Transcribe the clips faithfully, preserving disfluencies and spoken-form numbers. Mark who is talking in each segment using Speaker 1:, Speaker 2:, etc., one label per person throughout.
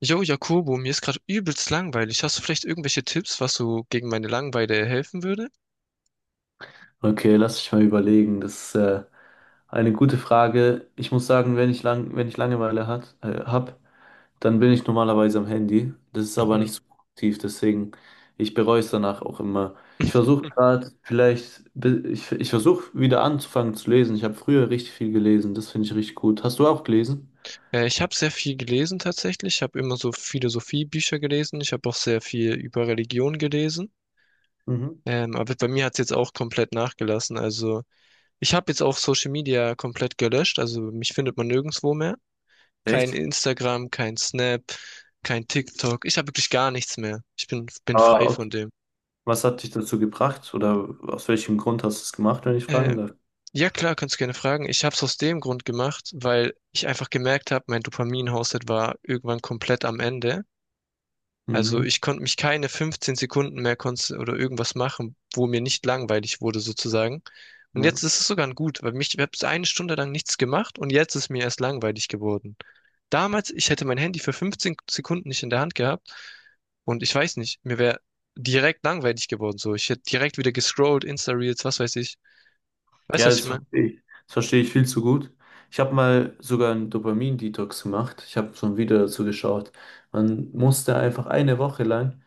Speaker 1: Jo, Jakobo, mir ist gerade übelst langweilig. Hast du vielleicht irgendwelche Tipps, was so gegen meine Langeweile helfen würde?
Speaker 2: Okay, lass mich mal überlegen. Das ist äh, eine gute Frage. Ich muss sagen, wenn ich lang, wenn ich Langeweile hat, äh, hab, dann bin ich normalerweise am Handy. Das ist aber
Speaker 1: Mhm.
Speaker 2: nicht so produktiv, deswegen ich bereue es danach auch immer. Ich versuche gerade vielleicht, bi- ich, ich versuche wieder anzufangen zu lesen. Ich habe früher richtig viel gelesen, das finde ich richtig gut. Hast du auch gelesen?
Speaker 1: Äh, ich habe sehr viel gelesen tatsächlich. Ich habe immer so Philosophiebücher gelesen. Ich habe auch sehr viel über Religion gelesen.
Speaker 2: Mhm.
Speaker 1: Ähm, aber bei mir hat's jetzt auch komplett nachgelassen. Also ich habe jetzt auch Social Media komplett gelöscht. Also mich findet man nirgendwo mehr. Kein
Speaker 2: Echt?
Speaker 1: Instagram, kein Snap, kein TikTok. Ich habe wirklich gar nichts mehr. Ich bin, bin
Speaker 2: Aber
Speaker 1: frei von
Speaker 2: aus-
Speaker 1: dem.
Speaker 2: Was hat dich dazu gebracht oder aus welchem Grund hast du es gemacht, wenn ich
Speaker 1: Äh,
Speaker 2: fragen darf?
Speaker 1: Ja, klar, kannst gerne fragen. Ich habe es aus dem Grund gemacht, weil ich einfach gemerkt habe, mein Dopamin-Haushalt war irgendwann komplett am Ende. Also
Speaker 2: Mhm.
Speaker 1: ich konnte mich keine fünfzehn Sekunden mehr konz- oder irgendwas machen, wo mir nicht langweilig wurde sozusagen. Und jetzt ist es sogar ein gut, weil mich, ich habe eine Stunde lang nichts gemacht und jetzt ist mir erst langweilig geworden. Damals, ich hätte mein Handy für fünfzehn Sekunden nicht in der Hand gehabt und ich weiß nicht, mir wäre direkt langweilig geworden. So, ich hätte direkt wieder gescrollt, Insta-Reels, was weiß ich. Weißt du,
Speaker 2: Ja,
Speaker 1: was ich
Speaker 2: das
Speaker 1: meine?
Speaker 2: verstehe ich. Das verstehe ich viel zu gut. Ich habe mal sogar einen Dopamin-Detox gemacht. Ich habe so ein Video dazu geschaut. Man musste einfach eine Woche lang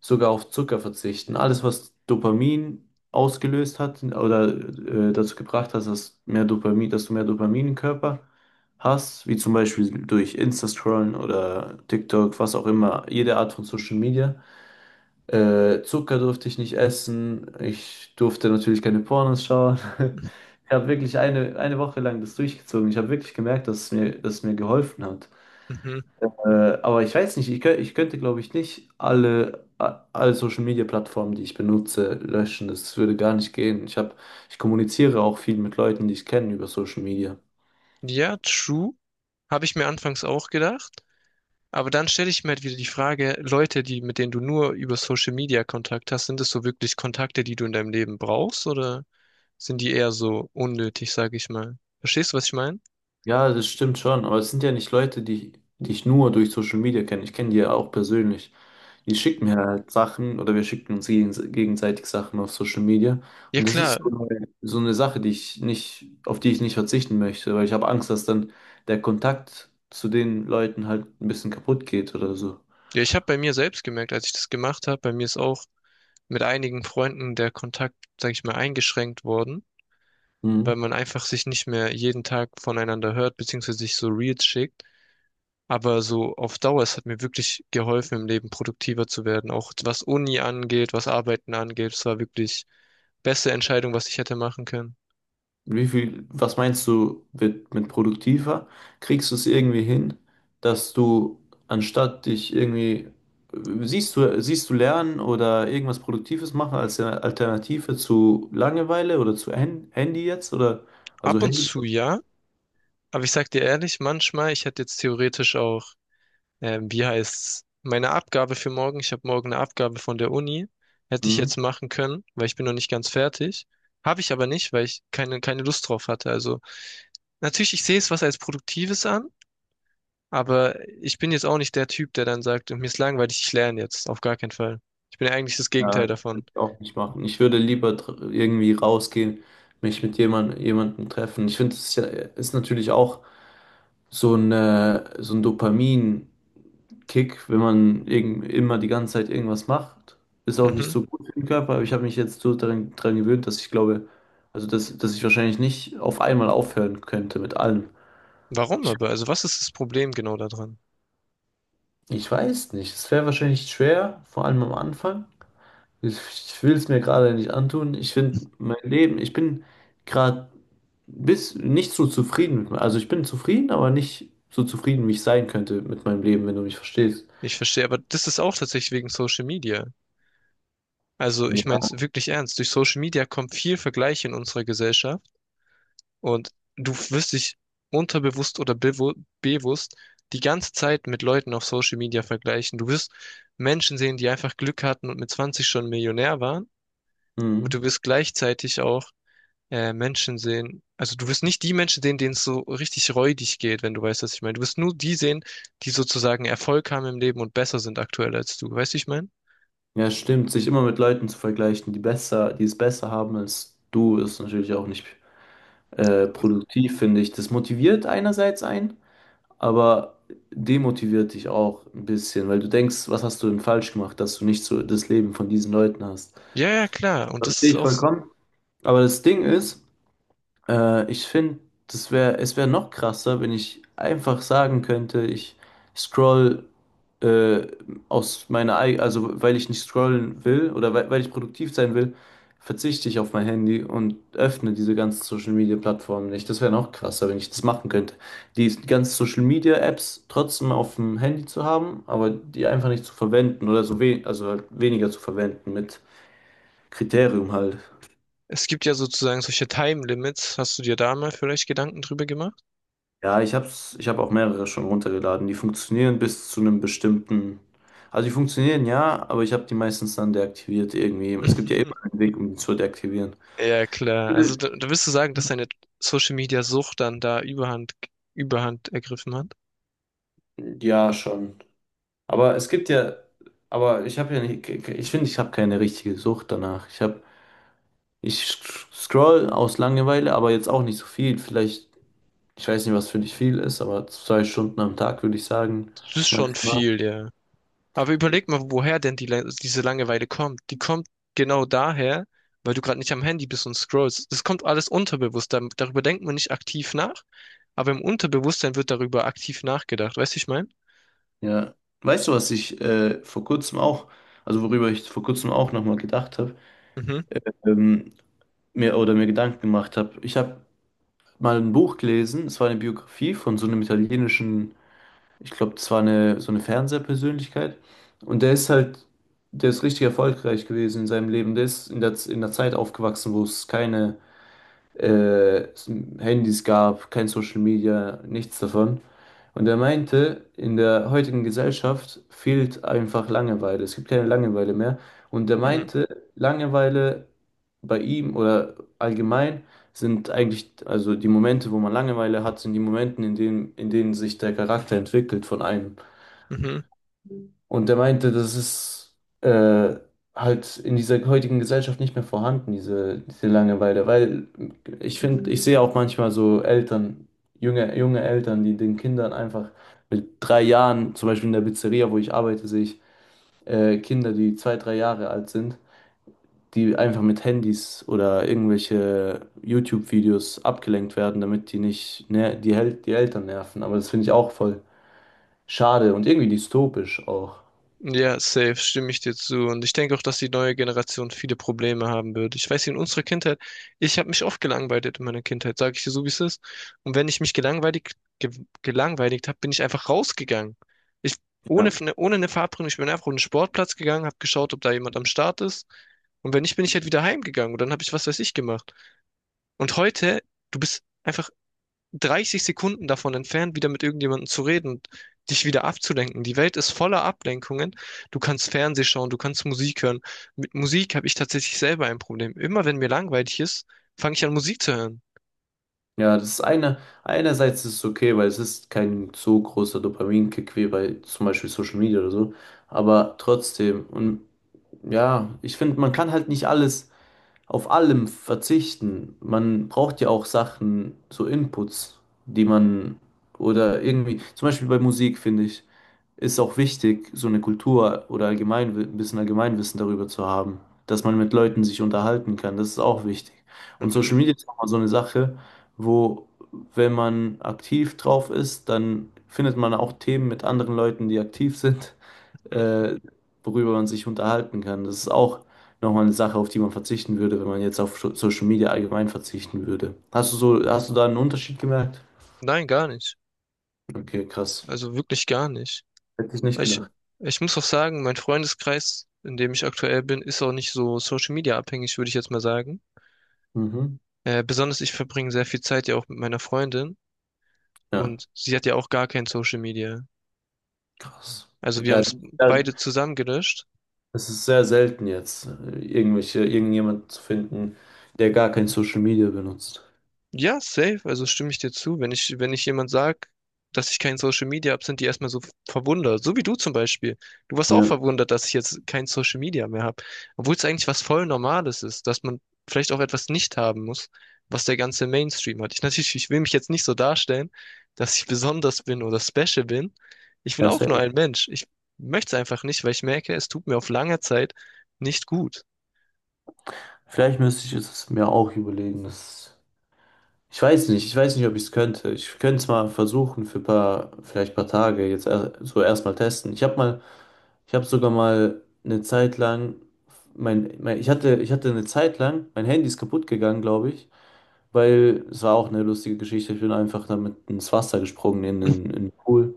Speaker 2: sogar auf Zucker verzichten. Alles, was Dopamin ausgelöst hat oder äh, dazu gebracht hat, dass mehr Dopamin, dass du mehr Dopamin im Körper hast, wie zum Beispiel durch Insta-Scrollen oder TikTok, was auch immer, jede Art von Social Media. Äh, Zucker durfte ich nicht essen. Ich durfte natürlich keine Pornos schauen. Ich habe wirklich eine, eine Woche lang das durchgezogen. Ich habe wirklich gemerkt, dass es mir, dass es mir geholfen hat.
Speaker 1: Mhm.
Speaker 2: Äh, aber ich weiß nicht, ich, kö- ich könnte, glaube ich, nicht alle, a- alle Social Media Plattformen, die ich benutze, löschen. Das würde gar nicht gehen. Ich habe, ich kommuniziere auch viel mit Leuten, die ich kenne, über Social Media.
Speaker 1: Ja, true. Habe ich mir anfangs auch gedacht. Aber dann stelle ich mir halt wieder die Frage, Leute, die, mit denen du nur über Social Media Kontakt hast, sind das so wirklich Kontakte, die du in deinem Leben brauchst oder sind die eher so unnötig, sage ich mal? Verstehst du, was ich meine?
Speaker 2: Ja, das stimmt schon, aber es sind ja nicht Leute, die, die ich nur durch Social Media kenne. Ich kenne die ja auch persönlich. Die schicken mir halt Sachen oder wir schicken uns gegense- gegenseitig Sachen auf Social Media.
Speaker 1: Ja,
Speaker 2: Und das
Speaker 1: klar.
Speaker 2: ist so eine, so eine Sache, die ich nicht, auf die ich nicht verzichten möchte, weil ich habe Angst, dass dann der Kontakt zu den Leuten halt ein bisschen kaputt geht oder so.
Speaker 1: Ja, ich habe bei mir selbst gemerkt, als ich das gemacht habe, bei mir ist auch mit einigen Freunden der Kontakt, sage ich mal, eingeschränkt worden, weil
Speaker 2: Mhm.
Speaker 1: man einfach sich nicht mehr jeden Tag voneinander hört, beziehungsweise sich so Reels schickt. Aber so auf Dauer, es hat mir wirklich geholfen, im Leben produktiver zu werden. Auch was Uni angeht, was Arbeiten angeht, es war wirklich beste Entscheidung, was ich hätte machen können.
Speaker 2: Wie viel, was meinst du mit, mit produktiver? Kriegst du es irgendwie hin, dass du anstatt dich irgendwie, siehst du, siehst du Lernen oder irgendwas Produktives machen als eine Alternative zu Langeweile oder zu Hand, Handy jetzt oder, also
Speaker 1: Ab und
Speaker 2: Handy?
Speaker 1: zu ja, aber ich sag dir ehrlich, manchmal, ich hätte jetzt theoretisch auch, ähm, wie heißt's, meine Abgabe für morgen, ich habe morgen eine Abgabe von der Uni, hätte ich
Speaker 2: Mhm.
Speaker 1: jetzt machen können, weil ich bin noch nicht ganz fertig. Habe ich aber nicht, weil ich keine, keine Lust drauf hatte. Also natürlich, ich sehe es was als Produktives an. Aber ich bin jetzt auch nicht der Typ, der dann sagt, mir ist langweilig, ich lerne jetzt. Auf gar keinen Fall. Ich bin ja eigentlich das Gegenteil
Speaker 2: Ja, das
Speaker 1: davon.
Speaker 2: würde ich auch nicht machen. Ich würde lieber dr- irgendwie rausgehen, mich mit jemand, jemandem treffen. Ich finde, es ist, ja, ist natürlich auch so eine, so ein Dopamin Kick, wenn man irg- immer die ganze Zeit irgendwas macht. Ist auch nicht
Speaker 1: Mhm.
Speaker 2: so gut für den Körper, aber ich habe mich jetzt so daran, daran gewöhnt, dass ich glaube, also dass, dass ich wahrscheinlich nicht auf einmal aufhören könnte mit allem.
Speaker 1: Warum
Speaker 2: Ich,
Speaker 1: aber? Also was ist das Problem genau daran?
Speaker 2: ich weiß nicht, es wäre wahrscheinlich schwer, vor allem am Anfang. Ich, ich will es mir gerade nicht antun. Ich finde mein Leben, ich bin gerade bis nicht so zufrieden mit mir. Also ich bin zufrieden, aber nicht so zufrieden, wie ich sein könnte mit meinem Leben, wenn du mich verstehst.
Speaker 1: Ich verstehe, aber das ist auch tatsächlich wegen Social Media. Also ich meine
Speaker 2: Ja.
Speaker 1: es wirklich ernst. Durch Social Media kommt viel Vergleich in unserer Gesellschaft und du wirst dich unterbewusst oder bewu bewusst die ganze Zeit mit Leuten auf Social Media vergleichen. Du wirst Menschen sehen, die einfach Glück hatten und mit zwanzig schon Millionär waren, und
Speaker 2: Mhm.
Speaker 1: du wirst gleichzeitig auch äh, Menschen sehen. Also du wirst nicht die Menschen sehen, denen es so richtig räudig geht, wenn du weißt, was ich meine. Du wirst nur die sehen, die sozusagen Erfolg haben im Leben und besser sind aktuell als du. Weißt du, wie ich meine?
Speaker 2: Ja, stimmt. Sich immer mit Leuten zu vergleichen, die besser, die es besser haben als du, ist natürlich auch nicht äh, produktiv, finde ich. Das motiviert einerseits einen, aber demotiviert dich auch ein bisschen, weil du denkst, was hast du denn falsch gemacht, dass du nicht so das Leben von diesen Leuten hast.
Speaker 1: Ja, ja, klar. Und das
Speaker 2: Verstehe
Speaker 1: ist
Speaker 2: ich
Speaker 1: auch so.
Speaker 2: vollkommen. Aber das Ding ist, äh, ich finde, das wäre, es wäre noch krasser, wenn ich einfach sagen könnte, ich scroll, äh, aus meiner, ei- also weil ich nicht scrollen will oder weil, weil ich produktiv sein will, verzichte ich auf mein Handy und öffne diese ganzen Social Media Plattformen nicht. Das wäre noch krasser, wenn ich das machen könnte. Die ganzen Social Media Apps trotzdem auf dem Handy zu haben, aber die einfach nicht zu verwenden oder so we also halt weniger zu verwenden mit Kriterium halt.
Speaker 1: Es gibt ja sozusagen solche Time Limits. Hast du dir da mal vielleicht Gedanken drüber gemacht?
Speaker 2: Ja, ich hab's, ich habe auch mehrere schon runtergeladen. Die funktionieren bis zu einem bestimmten. Also die funktionieren ja, aber ich habe die meistens dann deaktiviert irgendwie. Es gibt ja immer einen Weg, um die zu deaktivieren.
Speaker 1: Ja, klar. Also da, da wirst du sagen, dass deine Social Media Sucht dann da Überhand, Überhand ergriffen hat.
Speaker 2: Ja, schon. Aber es gibt ja, aber ich habe ja nicht, ich finde, ich habe keine richtige Sucht danach. Ich habe, ich scroll aus Langeweile, aber jetzt auch nicht so viel. Vielleicht, ich weiß nicht, was für dich viel ist, aber zwei Stunden am Tag würde ich sagen.
Speaker 1: Das ist schon
Speaker 2: Maximal.
Speaker 1: viel, ja. Aber überleg mal, woher denn die, Lang- diese Langeweile kommt. Die kommt genau daher, weil du gerade nicht am Handy bist und scrollst. Das kommt alles unterbewusst. Dar- Darüber denkt man nicht aktiv nach, aber im Unterbewusstsein wird darüber aktiv nachgedacht. Weißt du, ich meine?
Speaker 2: Ja, weißt du, was ich äh, vor kurzem auch, also worüber ich vor kurzem auch nochmal gedacht habe,
Speaker 1: Mhm.
Speaker 2: ähm, mir oder mir Gedanken gemacht habe. Ich habe mal ein Buch gelesen, es war eine Biografie von so einem italienischen, ich glaube, das war eine so eine Fernsehpersönlichkeit. Und der ist halt, der ist richtig erfolgreich gewesen in seinem Leben. Der ist in der, in der Zeit aufgewachsen, wo es keine äh, es Handys gab, kein Social Media, nichts davon. Und er meinte, in der heutigen Gesellschaft fehlt einfach Langeweile. Es gibt keine Langeweile mehr. Und er
Speaker 1: Mhm.
Speaker 2: meinte, Langeweile bei ihm oder allgemein sind eigentlich, also die Momente, wo man Langeweile hat, sind die Momente, in denen, in denen sich der Charakter entwickelt von einem.
Speaker 1: Mhm.
Speaker 2: Und der meinte, das ist äh, halt in dieser heutigen Gesellschaft nicht mehr vorhanden, diese, diese Langeweile. Weil ich finde, ich sehe auch manchmal so Eltern, junge, junge Eltern, die den Kindern einfach mit drei Jahren, zum Beispiel in der Pizzeria, wo ich arbeite, sehe ich äh, Kinder, die zwei, drei Jahre alt sind, die einfach mit Handys oder irgendwelche YouTube-Videos abgelenkt werden, damit die nicht ner die, Hel die Eltern nerven. Aber das finde ich auch voll schade und irgendwie dystopisch auch.
Speaker 1: Ja, safe, stimme ich dir zu. Und ich denke auch, dass die neue Generation viele Probleme haben wird. Ich weiß, in unserer Kindheit, ich habe mich oft gelangweilt in meiner Kindheit, sage ich dir so, wie es ist. Und wenn ich mich gelangweilt, ge gelangweilt habe, bin ich einfach rausgegangen. Ich, ohne, ohne eine Verabredung, ich bin einfach auf den Sportplatz gegangen, habe geschaut, ob da jemand am Start ist. Und wenn nicht, bin ich halt wieder heimgegangen. Und dann habe ich was weiß ich gemacht. Und heute, du bist einfach dreißig Sekunden davon entfernt, wieder mit irgendjemandem zu reden und dich wieder abzulenken. Die Welt ist voller Ablenkungen. Du kannst Fernseh schauen, du kannst Musik hören. Mit Musik habe ich tatsächlich selber ein Problem. Immer wenn mir langweilig ist, fange ich an, Musik zu hören.
Speaker 2: Ja, das ist eine, einerseits ist es okay, weil es ist kein so großer Dopaminkick wie bei zum Beispiel Social Media oder so. Aber trotzdem, und ja, ich finde, man kann halt nicht alles auf allem verzichten. Man braucht ja auch Sachen, so Inputs, die man oder irgendwie, zum Beispiel bei Musik, finde ich, ist auch wichtig, so eine Kultur oder allgemein ein bisschen Allgemeinwissen darüber zu haben, dass man mit Leuten sich unterhalten kann. Das ist auch wichtig. Und
Speaker 1: Mhm.
Speaker 2: Social Media ist auch mal so eine Sache, wo, wenn man aktiv drauf ist, dann findet man auch Themen mit anderen Leuten, die aktiv sind,
Speaker 1: Mhm.
Speaker 2: äh, worüber man sich unterhalten kann. Das ist auch nochmal eine Sache, auf die man verzichten würde, wenn man jetzt auf Scho- Social Media allgemein verzichten würde. Hast du so, hast du da einen Unterschied gemerkt?
Speaker 1: Nein, gar nicht.
Speaker 2: Okay, krass.
Speaker 1: Also wirklich gar nicht.
Speaker 2: Hätte ich nicht
Speaker 1: Ich,
Speaker 2: gedacht.
Speaker 1: ich muss auch sagen, mein Freundeskreis, in dem ich aktuell bin, ist auch nicht so Social Media abhängig, würde ich jetzt mal sagen.
Speaker 2: Mhm.
Speaker 1: Äh, besonders ich verbringe sehr viel Zeit ja auch mit meiner Freundin
Speaker 2: Ja.
Speaker 1: und sie hat ja auch gar kein Social Media.
Speaker 2: Krass.
Speaker 1: Also wir haben
Speaker 2: Ja,
Speaker 1: es
Speaker 2: ja,
Speaker 1: beide zusammen gelöscht.
Speaker 2: es ist sehr selten jetzt, äh, irgendwelche, irgendjemand zu finden, der gar kein Social Media benutzt.
Speaker 1: Ja, safe, also stimme ich dir zu. Wenn ich, wenn ich jemand sag, dass ich kein Social Media hab, sind die erstmal so verwundert. So wie du zum Beispiel. Du warst auch
Speaker 2: Ja,
Speaker 1: verwundert, dass ich jetzt kein Social Media mehr habe. Obwohl es eigentlich was voll Normales ist, dass man vielleicht auch etwas nicht haben muss, was der ganze Mainstream hat. Ich natürlich, ich will mich jetzt nicht so darstellen, dass ich besonders bin oder special bin. Ich bin
Speaker 2: ja,
Speaker 1: auch nur
Speaker 2: safe.
Speaker 1: ein Mensch. Ich möchte es einfach nicht, weil ich merke, es tut mir auf lange Zeit nicht gut.
Speaker 2: Vielleicht müsste ich es mir auch überlegen. Das, ich weiß nicht, ich weiß nicht, ob ich es könnte. Ich könnte es mal versuchen für paar, vielleicht paar Tage, jetzt er, so erstmal testen. Ich habe mal, ich habe sogar mal eine Zeit lang, mein, mein, ich hatte, ich hatte eine Zeit lang, mein Handy ist kaputt gegangen, glaube ich. Weil es war auch eine lustige Geschichte. Ich bin einfach damit ins Wasser gesprungen, in den in den Pool.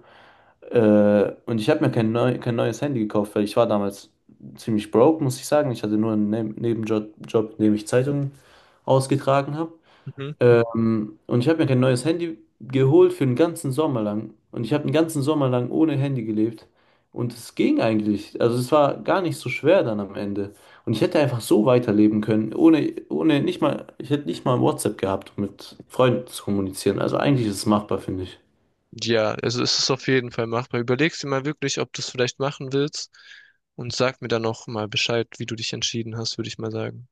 Speaker 2: Äh, und ich habe mir kein, neu, kein neues Handy gekauft, weil ich war damals ziemlich broke, muss ich sagen. Ich hatte nur einen Ne- Nebenjob, Job, in dem ich Zeitungen ausgetragen habe.
Speaker 1: Mhm.
Speaker 2: Ähm, und ich habe mir kein neues Handy geholt für den ganzen Sommer lang. Und ich habe den ganzen Sommer lang ohne Handy gelebt. Und es ging eigentlich. Also es war gar nicht so schwer dann am Ende. Und ich hätte einfach so weiterleben können, ohne, ohne nicht mal, ich hätte nicht mal WhatsApp gehabt, um mit Freunden zu kommunizieren. Also eigentlich ist es machbar, finde ich.
Speaker 1: Ja, also es ist auf jeden Fall machbar. Überlegst dir mal wirklich, ob du es vielleicht machen willst und sag mir dann noch mal Bescheid, wie du dich entschieden hast, würde ich mal sagen.